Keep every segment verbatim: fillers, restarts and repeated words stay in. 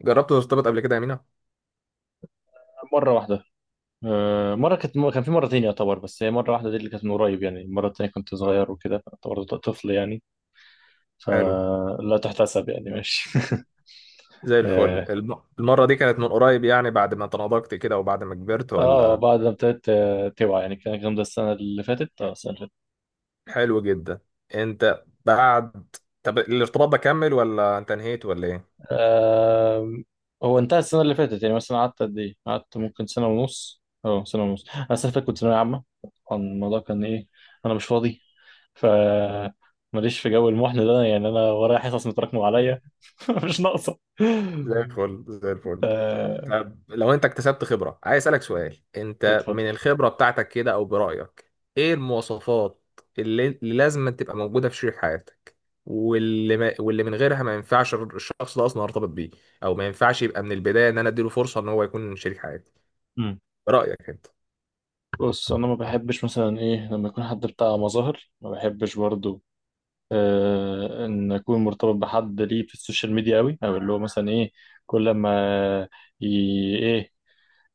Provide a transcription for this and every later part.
جربت ترتبط قبل كده يا مينا؟ مرة واحدة. آه، مرة كانت كان في مرتين يعتبر، بس هي مرة واحدة دي اللي كانت من قريب، يعني المرة التانية كنت صغير وكده يعتبر طفل، يعني حلو. فلا تحتسب، يعني ماشي. زي الفل، اه. الم- المرة دي كانت من قريب يعني بعد ما تناضجت كده وبعد ما كبرت آه، ولا؟ بعد ما ابتديت آه، توعى، يعني كان الكلام ده السنة اللي فاتت، اه السنة اللي فاتت. حلو جدا. انت بعد، طب الارتباط ده كمل ولا انت انهيت ولا ايه؟ آه، هو انتهى السنة اللي فاتت، يعني مثلا قعدت قد ايه؟ قعدت ممكن سنة ونص اه سنة ونص. انا السنة اللي فاتت كنت ثانوية عامة، طبعاً الموضوع كان ايه، انا مش فاضي، ف ماليش في جو المحن ده، يعني انا ورايا حصص متراكمه عليا. مش ناقصه. زي الفل زي الفل. آه، طب لو انت اكتسبت خبرة، عايز اسألك سؤال، انت اتفضل. من الخبرة بتاعتك كده او برأيك، ايه المواصفات اللي, اللي لازم تبقى موجودة في شريك حياتك، واللي ما... واللي من غيرها ما ينفعش الشخص ده اصلا ارتبط بيه، او ما ينفعش يبقى من البداية ان انا اديله فرصة ان هو يكون شريك حياتي، مم. برأيك انت. بص، انا ما بحبش مثلا ايه لما يكون حد بتاع مظاهر، ما بحبش برضو آه ان اكون مرتبط بحد ليه في السوشيال ميديا قوي، او اللي هو مثلا ايه، كل ما ي... ايه،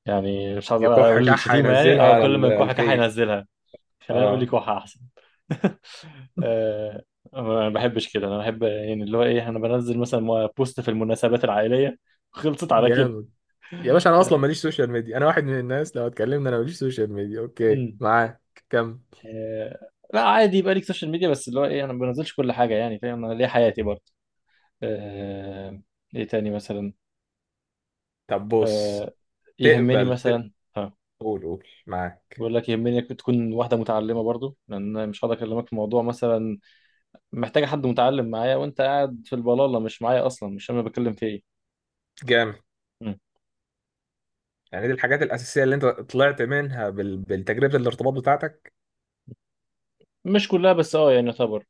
يعني مش عايز يكح اقول كحة الشتيمه، يعني ينزلها اه على كل ما ال- يكون حاجه الفيس. هينزلها. خليني اقول لك اه. واحد احسن. آه. ما بحبش كده، انا بحب يعني اللي هو ايه انا بنزل مثلا مو- بوست في المناسبات العائليه. خلصت على كده. جامد. يا باشا انا اصلا آه. ماليش سوشيال ميديا، انا واحد من الناس، لو اتكلمنا انا ماليش سوشيال ميديا، اوكي امم. معاك؟ كم؟ آه، لا عادي يبقى ليك سوشيال ميديا، بس اللي هو ايه انا ما بنزلش كل حاجه، يعني فاهم، انا ليا حياتي برضه. آه. ايه تاني مثلا؟ طب بص، آه، يهمني تقبل، مثلا ها. قول قول معاك. بقول لك، يهمني إنك تكون واحده متعلمه برضو، لان أنا مش هقدر اكلمك في موضوع مثلا محتاجه حد متعلم معايا وانت قاعد في البلاله مش معايا، اصلا مش فاهم انا بتكلم في جامد. ايه. يعني دي الحاجات الأساسية اللي أنت طلعت منها بال... بالتجربة الارتباط بتاعتك. مش كلها بس اه يعني يعتبر.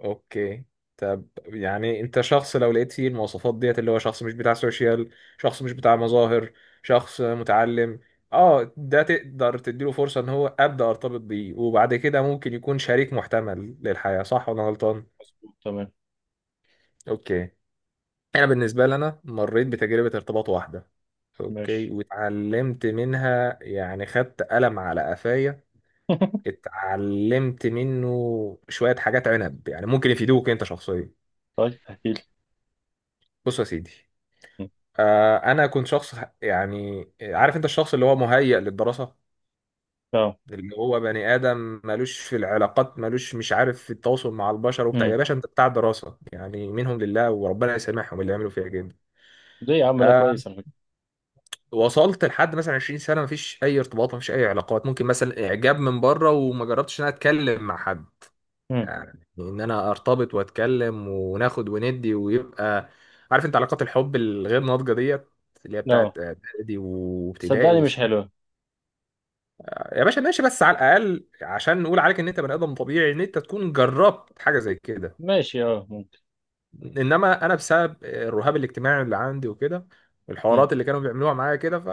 أوكي. طب يعني أنت شخص لو لقيت فيه المواصفات ديت، اللي هو شخص مش بتاع سوشيال، شخص مش بتاع مظاهر، شخص متعلم، اه، ده تقدر تديله فرصة إن هو أبدأ أرتبط بيه وبعد كده ممكن يكون شريك محتمل للحياة، صح ولا أنا غلطان؟ مظبوط تمام. أوكي. أنا بالنسبة لي أنا مريت بتجربة ارتباط واحدة، اوكي، ماشي. واتعلمت منها يعني خدت قلم على قفايا. اتعلمت منه شوية حاجات عنب يعني ممكن يفيدوك انت شخصيا. طيب احكي لي. بص يا سيدي، آه، انا كنت شخص ه- يعني عارف انت، الشخص اللي هو مهيأ للدراسة، اه. اللي هو بني آدم مالوش في العلاقات، مالوش مش عارف في التواصل مع البشر وبتاع، امم. يا باشا انت بتاع الدراسة يعني، منهم لله وربنا يسامحهم اللي عملوا فيها جدا. ليه يا عم؟ لا، آه، كويس على فكره. وصلت لحد مثلا عشرين سنة مفيش أي ارتباط، مفيش أي علاقات، ممكن مثلا إعجاب من بره، وما جربتش إن أنا أتكلم مع حد، امم. يعني ان انا ارتبط واتكلم وناخد وندي ويبقى، عارف انت، علاقات الحب الغير ناضجه ديت، اللي هي بتاعت اه. اعدادي وابتدائي صدقني مش وسنة. حلوه. يا باشا ماشي، بس على الاقل عشان نقول عليك ان انت بني ادم طبيعي ان انت تكون جربت حاجه زي كده. ماشي، اه ممكن. انما انا بسبب الرهاب الاجتماعي اللي عندي وكده، امم. الحوارات اللي كانوا بيعملوها معايا كده، ف...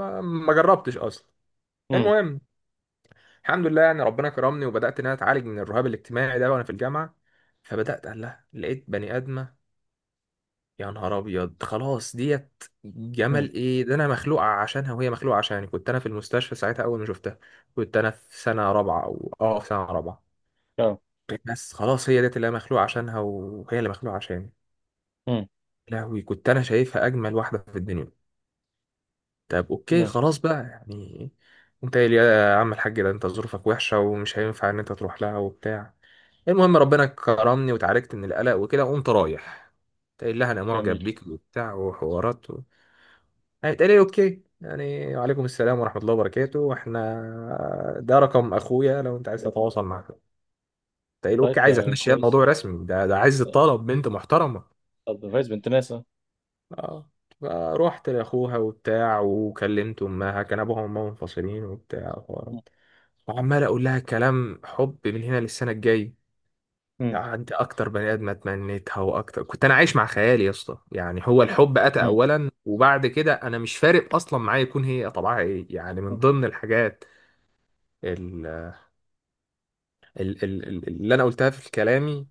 فما جربتش اصلا. امم. المهم، الحمد لله يعني ربنا كرمني وبدات ان انا اتعالج من الرهاب الاجتماعي ده وانا في الجامعه. فبدات قال لها لقيت بني ادمه. يا نهار ابيض، خلاص ديت امم. جمل، ايه ده، انا مخلوق عشانها وهي مخلوقه عشاني. كنت انا في المستشفى ساعتها اول ما شفتها. كنت انا في سنه رابعه او اه في سنه رابعه. اه. بس خلاص، هي ديت اللي انا مخلوق عشانها وهي اللي مخلوقه عشاني. امم. لهوي كنت انا شايفها اجمل واحده في الدنيا. طب اوكي لا. خلاص بقى يعني، انت قايل يا عم الحاج، ده انت ظروفك وحشة ومش هينفع ان انت تروح لها وبتاع. المهم ربنا كرمني وتعالجت من القلق وكده وقمت رايح تقول لها انا معجب جميل. بيك وبتاع وحوارات و... هيتقال لي اوكي يعني، وعليكم السلام ورحمة الله وبركاته، احنا ده رقم اخويا لو انت عايز تتواصل معاه. تقول اوكي، طيب عايز ده اتمشي كويس. الموضوع رسمي، ده ده عايز طلب بنت محترمة. طب ده كويس، بنت ناس، اه. اه. فروحت لاخوها وبتاع وكلمت امها، كان ابوها وامها منفصلين وبتاع وحوارات. وعمال اقول لها كلام حب من هنا للسنه الجايه. امم. يعني انت اكتر بني ادم اتمنيتها، واكتر كنت انا عايش مع خيالي يا اسطى، يعني هو الحب اتى امم. اولا، وبعد كده انا مش فارق اصلا معايا يكون هي طبعها ايه، يعني من ضمن الحاجات ال- ال- ال- اللي انا قلتها في كلامي،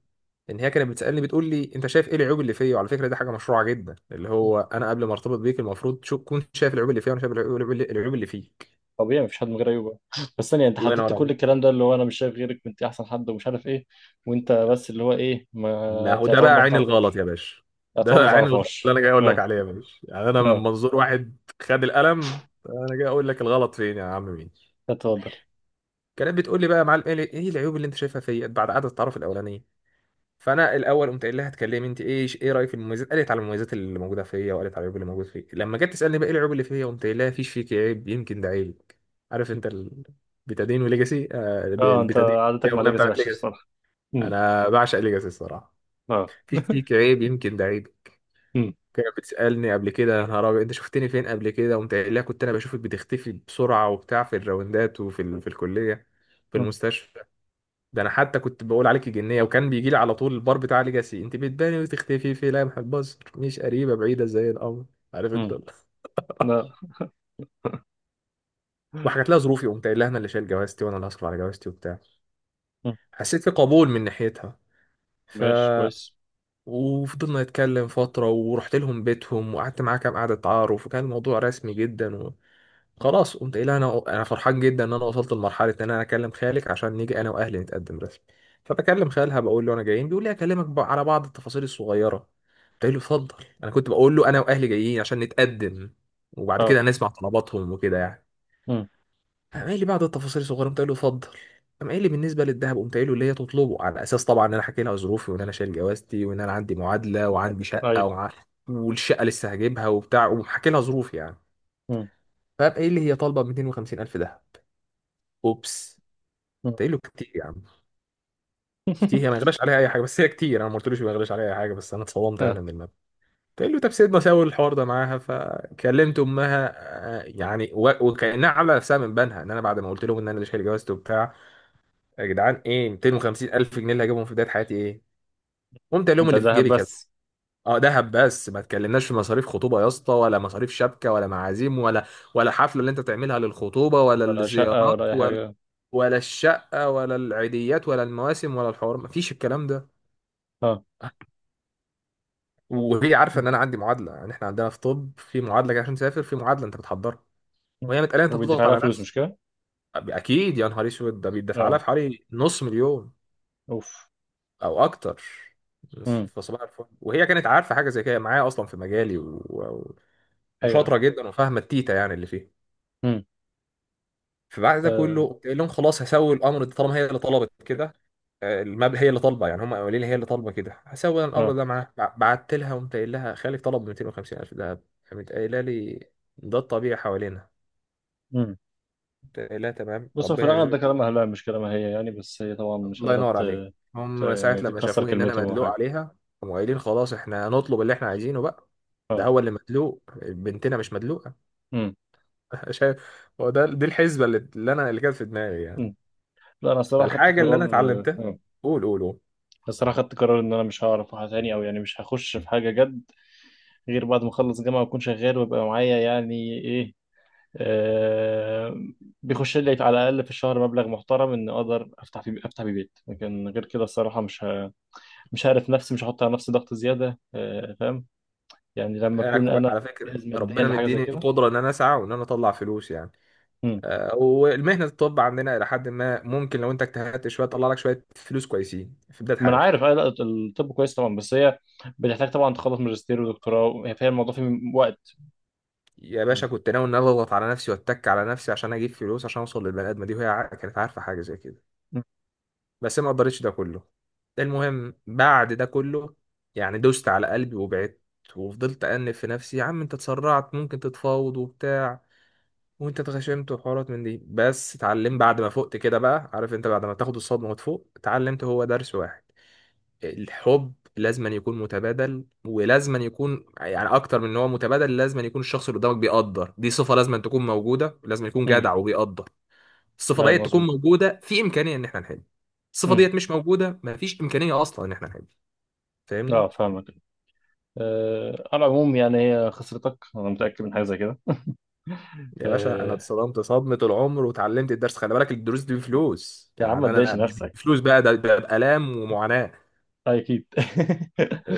ان هي كانت بتسالني بتقول لي انت شايف ايه العيوب اللي فيا، وعلى فكره دي حاجه مشروعه جدا، اللي أمم. هو انا قبل ما ارتبط بيك المفروض تكون شايف العيوب اللي فيا، وانا شايف العيوب العيوب اللي العيوب اللي فيك. طبيعي مفيش حد من غير عيوب. آه. بس ثانيه، انت الله حددت ينور كل عليك. الكلام ده اللي هو انا مش شايف غيرك، انت احسن حد، ومش عارف ايه، وانت بس اللي هو ايه ما ما هو ده تعتبر بقى ما عين الغلط يا تعرفهاش. باشا، ده تعتبر ما بقى عين الغلط اللي تعرفهاش، انا جاي اقول لك اه. عليه يا باشا، يعني انا من اه، منظور واحد خد القلم، انا جاي اقول لك الغلط فين يا عم مين. اتفضل. كانت بتقول لي بقى يا معلم ايه إيه العيوب اللي انت شايفها فيا بعد قعده التعارف الاولانيه. فانا الاول قمت قايل لها اتكلمي انت، ايه ايه رايك في المميزات؟ قالت على المميزات اللي موجوده فيا، وقالت على العيوب اللي موجود فيا. لما جت تسالني بقى ايه العيوب اللي فيا، قمت قايل لها فيش فيك عيب يمكن ده عيبك، عارف انت، البيتادين وليجاسي. آه الب- اه، انت البيتادين، هي عادتك مع الاغنيه ليجاسي بتاعت وحشه ليجاسي. الصراحه. مم. انا بعشق ليجاسي الصراحه. اه. فيش مم. فيك عيب يمكن ده عيبك. كانت بتسالني قبل كده يا نهار ابيض انت شفتني فين قبل كده، قمت قايل لها كنت انا بشوفك بتختفي بسرعه وبتاع في الراوندات، وفي ال... في الكليه، في مم. المستشفى. ده انا حتى كنت بقول عليك جنيه، وكان بيجي لي على طول البار بتاع ليجاسي، انت بتباني وتختفي في لمح البصر، مش قريبه بعيده زي القمر، عارف انت مم. ال- لا. وحكت لها ظروفي، قمت قايل لها انا اللي شايل جوازتي وانا اللي هصرف على جوازتي وبتاع. مم. حسيت في قبول من ناحيتها. ف ماشي كويس. وفضلنا نتكلم فتره، ورحت لهم بيتهم، وقعدت معاها كام قعده تعارف، وكان الموضوع رسمي جدا. خلاص قمت قايل انا انا فرحان جدا ان انا وصلت لمرحله ان انا اكلم خالك عشان نيجي انا واهلي نتقدم رسمي. فبكلم خالها بقول له انا جايين، بيقول لي اكلمك بقى على بعض التفاصيل الصغيره، قلت له اتفضل. انا كنت بقول له انا واهلي جايين عشان نتقدم، وبعد اه. كده نسمع طلباتهم وكده يعني. مم. قام قايل لي بعض التفاصيل الصغيره، قلت له اتفضل. قام قايل لي بالنسبه للذهب، قمت قايل له اللي هي تطلبه على اساس طبعا ان انا حكي لها ظروفي، وان انا شايل جوازتي، وان انا عندي معادله، وعندي شقه، ايوه. وع... والشقه لسه هجيبها وبتاع، وحكي لها ظروفي يعني. مم. فقام قايل لي هي طالبه ميتين وخمسين الف دهب. اوبس. مم. تقيله كتير يا عم. كتير، هي ما يغلاش عليها اي حاجه، بس هي كتير، انا ما قلتلوش ما يغلاش عليها اي حاجه، بس انا اتصدمت اه. يعني من الماب. تقول له طب سيدنا ساوي الحوار ده معاها، فكلمت امها. آه، يعني و- وكانها عامله نفسها من بنها، ان انا بعد ما قلت لهم ان انا اللي شايل جوازته وبتاع. يا جدعان، ايه ميتين وخمسين الف جنيه اللي هجيبهم في بدايه حياتي، ايه؟ قمت قال لهم ده اللي في ذهب جيبي كذا. بس؟ اه دهب بس، ما تكلمناش في مصاريف خطوبه يا اسطى، ولا مصاريف شبكه، ولا معازيم، ولا ولا حفله اللي انت تعملها للخطوبه، ولا ولا شقه الزيارات، ولا اي حاجه. ولا الشقة، ولا العيديات، ولا المواسم، ولا الحوار، مفيش الكلام ده. اه. وهي عارفة مم. ان انا عندي معادلة، يعني احنا عندنا في طب في معادلة كده عشان تسافر، في معادلة انت بتحضرها. مم. وهي متقالة انت وبيدفع بتضغط لها على فلوس، نفسك. مش كده؟ اكيد يا نهار اسود، ده بيدفع لها اه. في حوالي نص مليون، اوف. او اكتر. مم. فصباح الفل، وهي كانت عارفة حاجة زي كده معايا اصلا في مجالي و... و... ايوه. وشاطرة جدا وفاهمة التيتا يعني اللي فيه. مم. فبعد ده اه. كله قلت لهم خلاص هسوي الامر ده طالما هي اللي طلبت كده. آه، المبلغ هي اللي طالبه، يعني هم قايلين لي هي اللي طالبه كده، هسوي أنا الامر اه. ده معاها. بع- بعت لها قمت قايل لها خالي طلب ميتين وخمسين الف دهب. قامت قايله لي ده الطبيعي حوالينا. مم. قمت قايل لها تمام، بص، هو في ربنا الاغلب ده يرزقك بال- كلام اهلها مش كلامها هي يعني، بس هي طبعا مش الله قادره ينور ت... عليك. ت... هم ساعه يعني لما تكسر شافوني ان انا كلمتهم او مدلوق حاجه. عليها، هم قايلين خلاص احنا هنطلب اللي احنا عايزينه بقى، ده اه. هو اللي مدلوق، بنتنا مش مدلوقه. مم. شايف، هو ده دي الحسبه اللي اللي انا اللي كانت في دماغي يعني. مم. لا، انا الصراحه خدت فالحاجه اللي قرار، انا اتعلمتها، اه قول قول قول. بس انا خدت قرار ان انا مش هعرف أروح تاني، او يعني مش هخش في حاجه جد غير بعد ما اخلص جامعه واكون شغال ويبقى معايا يعني ايه، آه بيخش لي على الاقل في الشهر مبلغ محترم ان اقدر افتح في افتح بيه بيت، لكن غير كده الصراحه مش ه... مش هعرف نفسي، مش هحط على نفسي ضغط زياده، آه فاهم، يعني لما انا اكون كو- انا على فكره جاهز ماديا ربنا لحاجه زي مديني كده. القدره ان انا اسعى وان انا اطلع فلوس يعني. مم. آه، والمهنه الطب عندنا الى حد ما ممكن لو انت اجتهدت شويه تطلع لك شويه فلوس كويسين في بدايه ما انا حياتك. عارف. آه، لا الطب كويس طبعا، بس هي بتحتاج طبعا تخلص ماجستير ودكتوراه، هي فيها الموضوع فيه وقت. يا مم. باشا كنت ناوي ان أنا اضغط على نفسي واتك على نفسي عشان اجيب فلوس عشان اوصل للبني ادمه دي، وهي ع- كانت عارفه حاجه زي كده. مم. بس ما قدرتش ده كله. المهم بعد ده كله يعني دوست على قلبي وبعدت، وفضلت انف في نفسي يا عم انت اتسرعت ممكن تتفاوض وبتاع، وانت اتغشمت وحوارات من دي. بس اتعلم بعد ما فقت كده، بقى عارف انت بعد ما تاخد الصدمه وتفوق، اتعلمت هو درس واحد. الحب لازما يكون متبادل، ولازما يكون يعني اكتر من ان هو متبادل لازما يكون الشخص اللي قدامك بيقدر، دي صفه لازما تكون موجوده، لازما يكون مم. جدع وبيقدر. الصفه ايوه ديت تكون مظبوط. موجوده في امكانيه ان احنا نحب. الصفه مم. ديت مش موجوده، مفيش امكانيه اصلا ان احنا نحب، فاهمني؟ اه، فاهمك. أه، على العموم يعني هي خسرتك، انا متاكد من حاجه زي كده. يا باشا انا أه، اتصدمت صدمه العمر، وتعلمت الدرس، خلي بالك الدروس دي بفلوس، يا عم ما يعني تضايقش انا مش نفسك. بفلوس بقى، ده بقى بألام ومعاناه. آه، اكيد.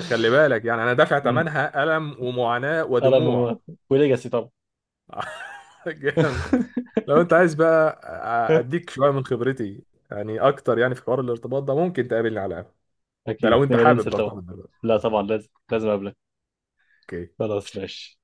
خلي بالك، يعني انا دافع مم. ثمنها الم ومعاناه انا ودموع. بموت. وليجاسي طبعا. جامد. لو انت عايز بقى اديك شويه من خبرتي، يعني اكتر، يعني في حوار الارتباط ده ممكن تقابلني على القهوه، ده اكيد لو انت نبقى حابب ننزل طبعا. ترتبط دلوقتي. لا، طبعا لازم لازم اقابلك. اوكي. خلاص ماشي.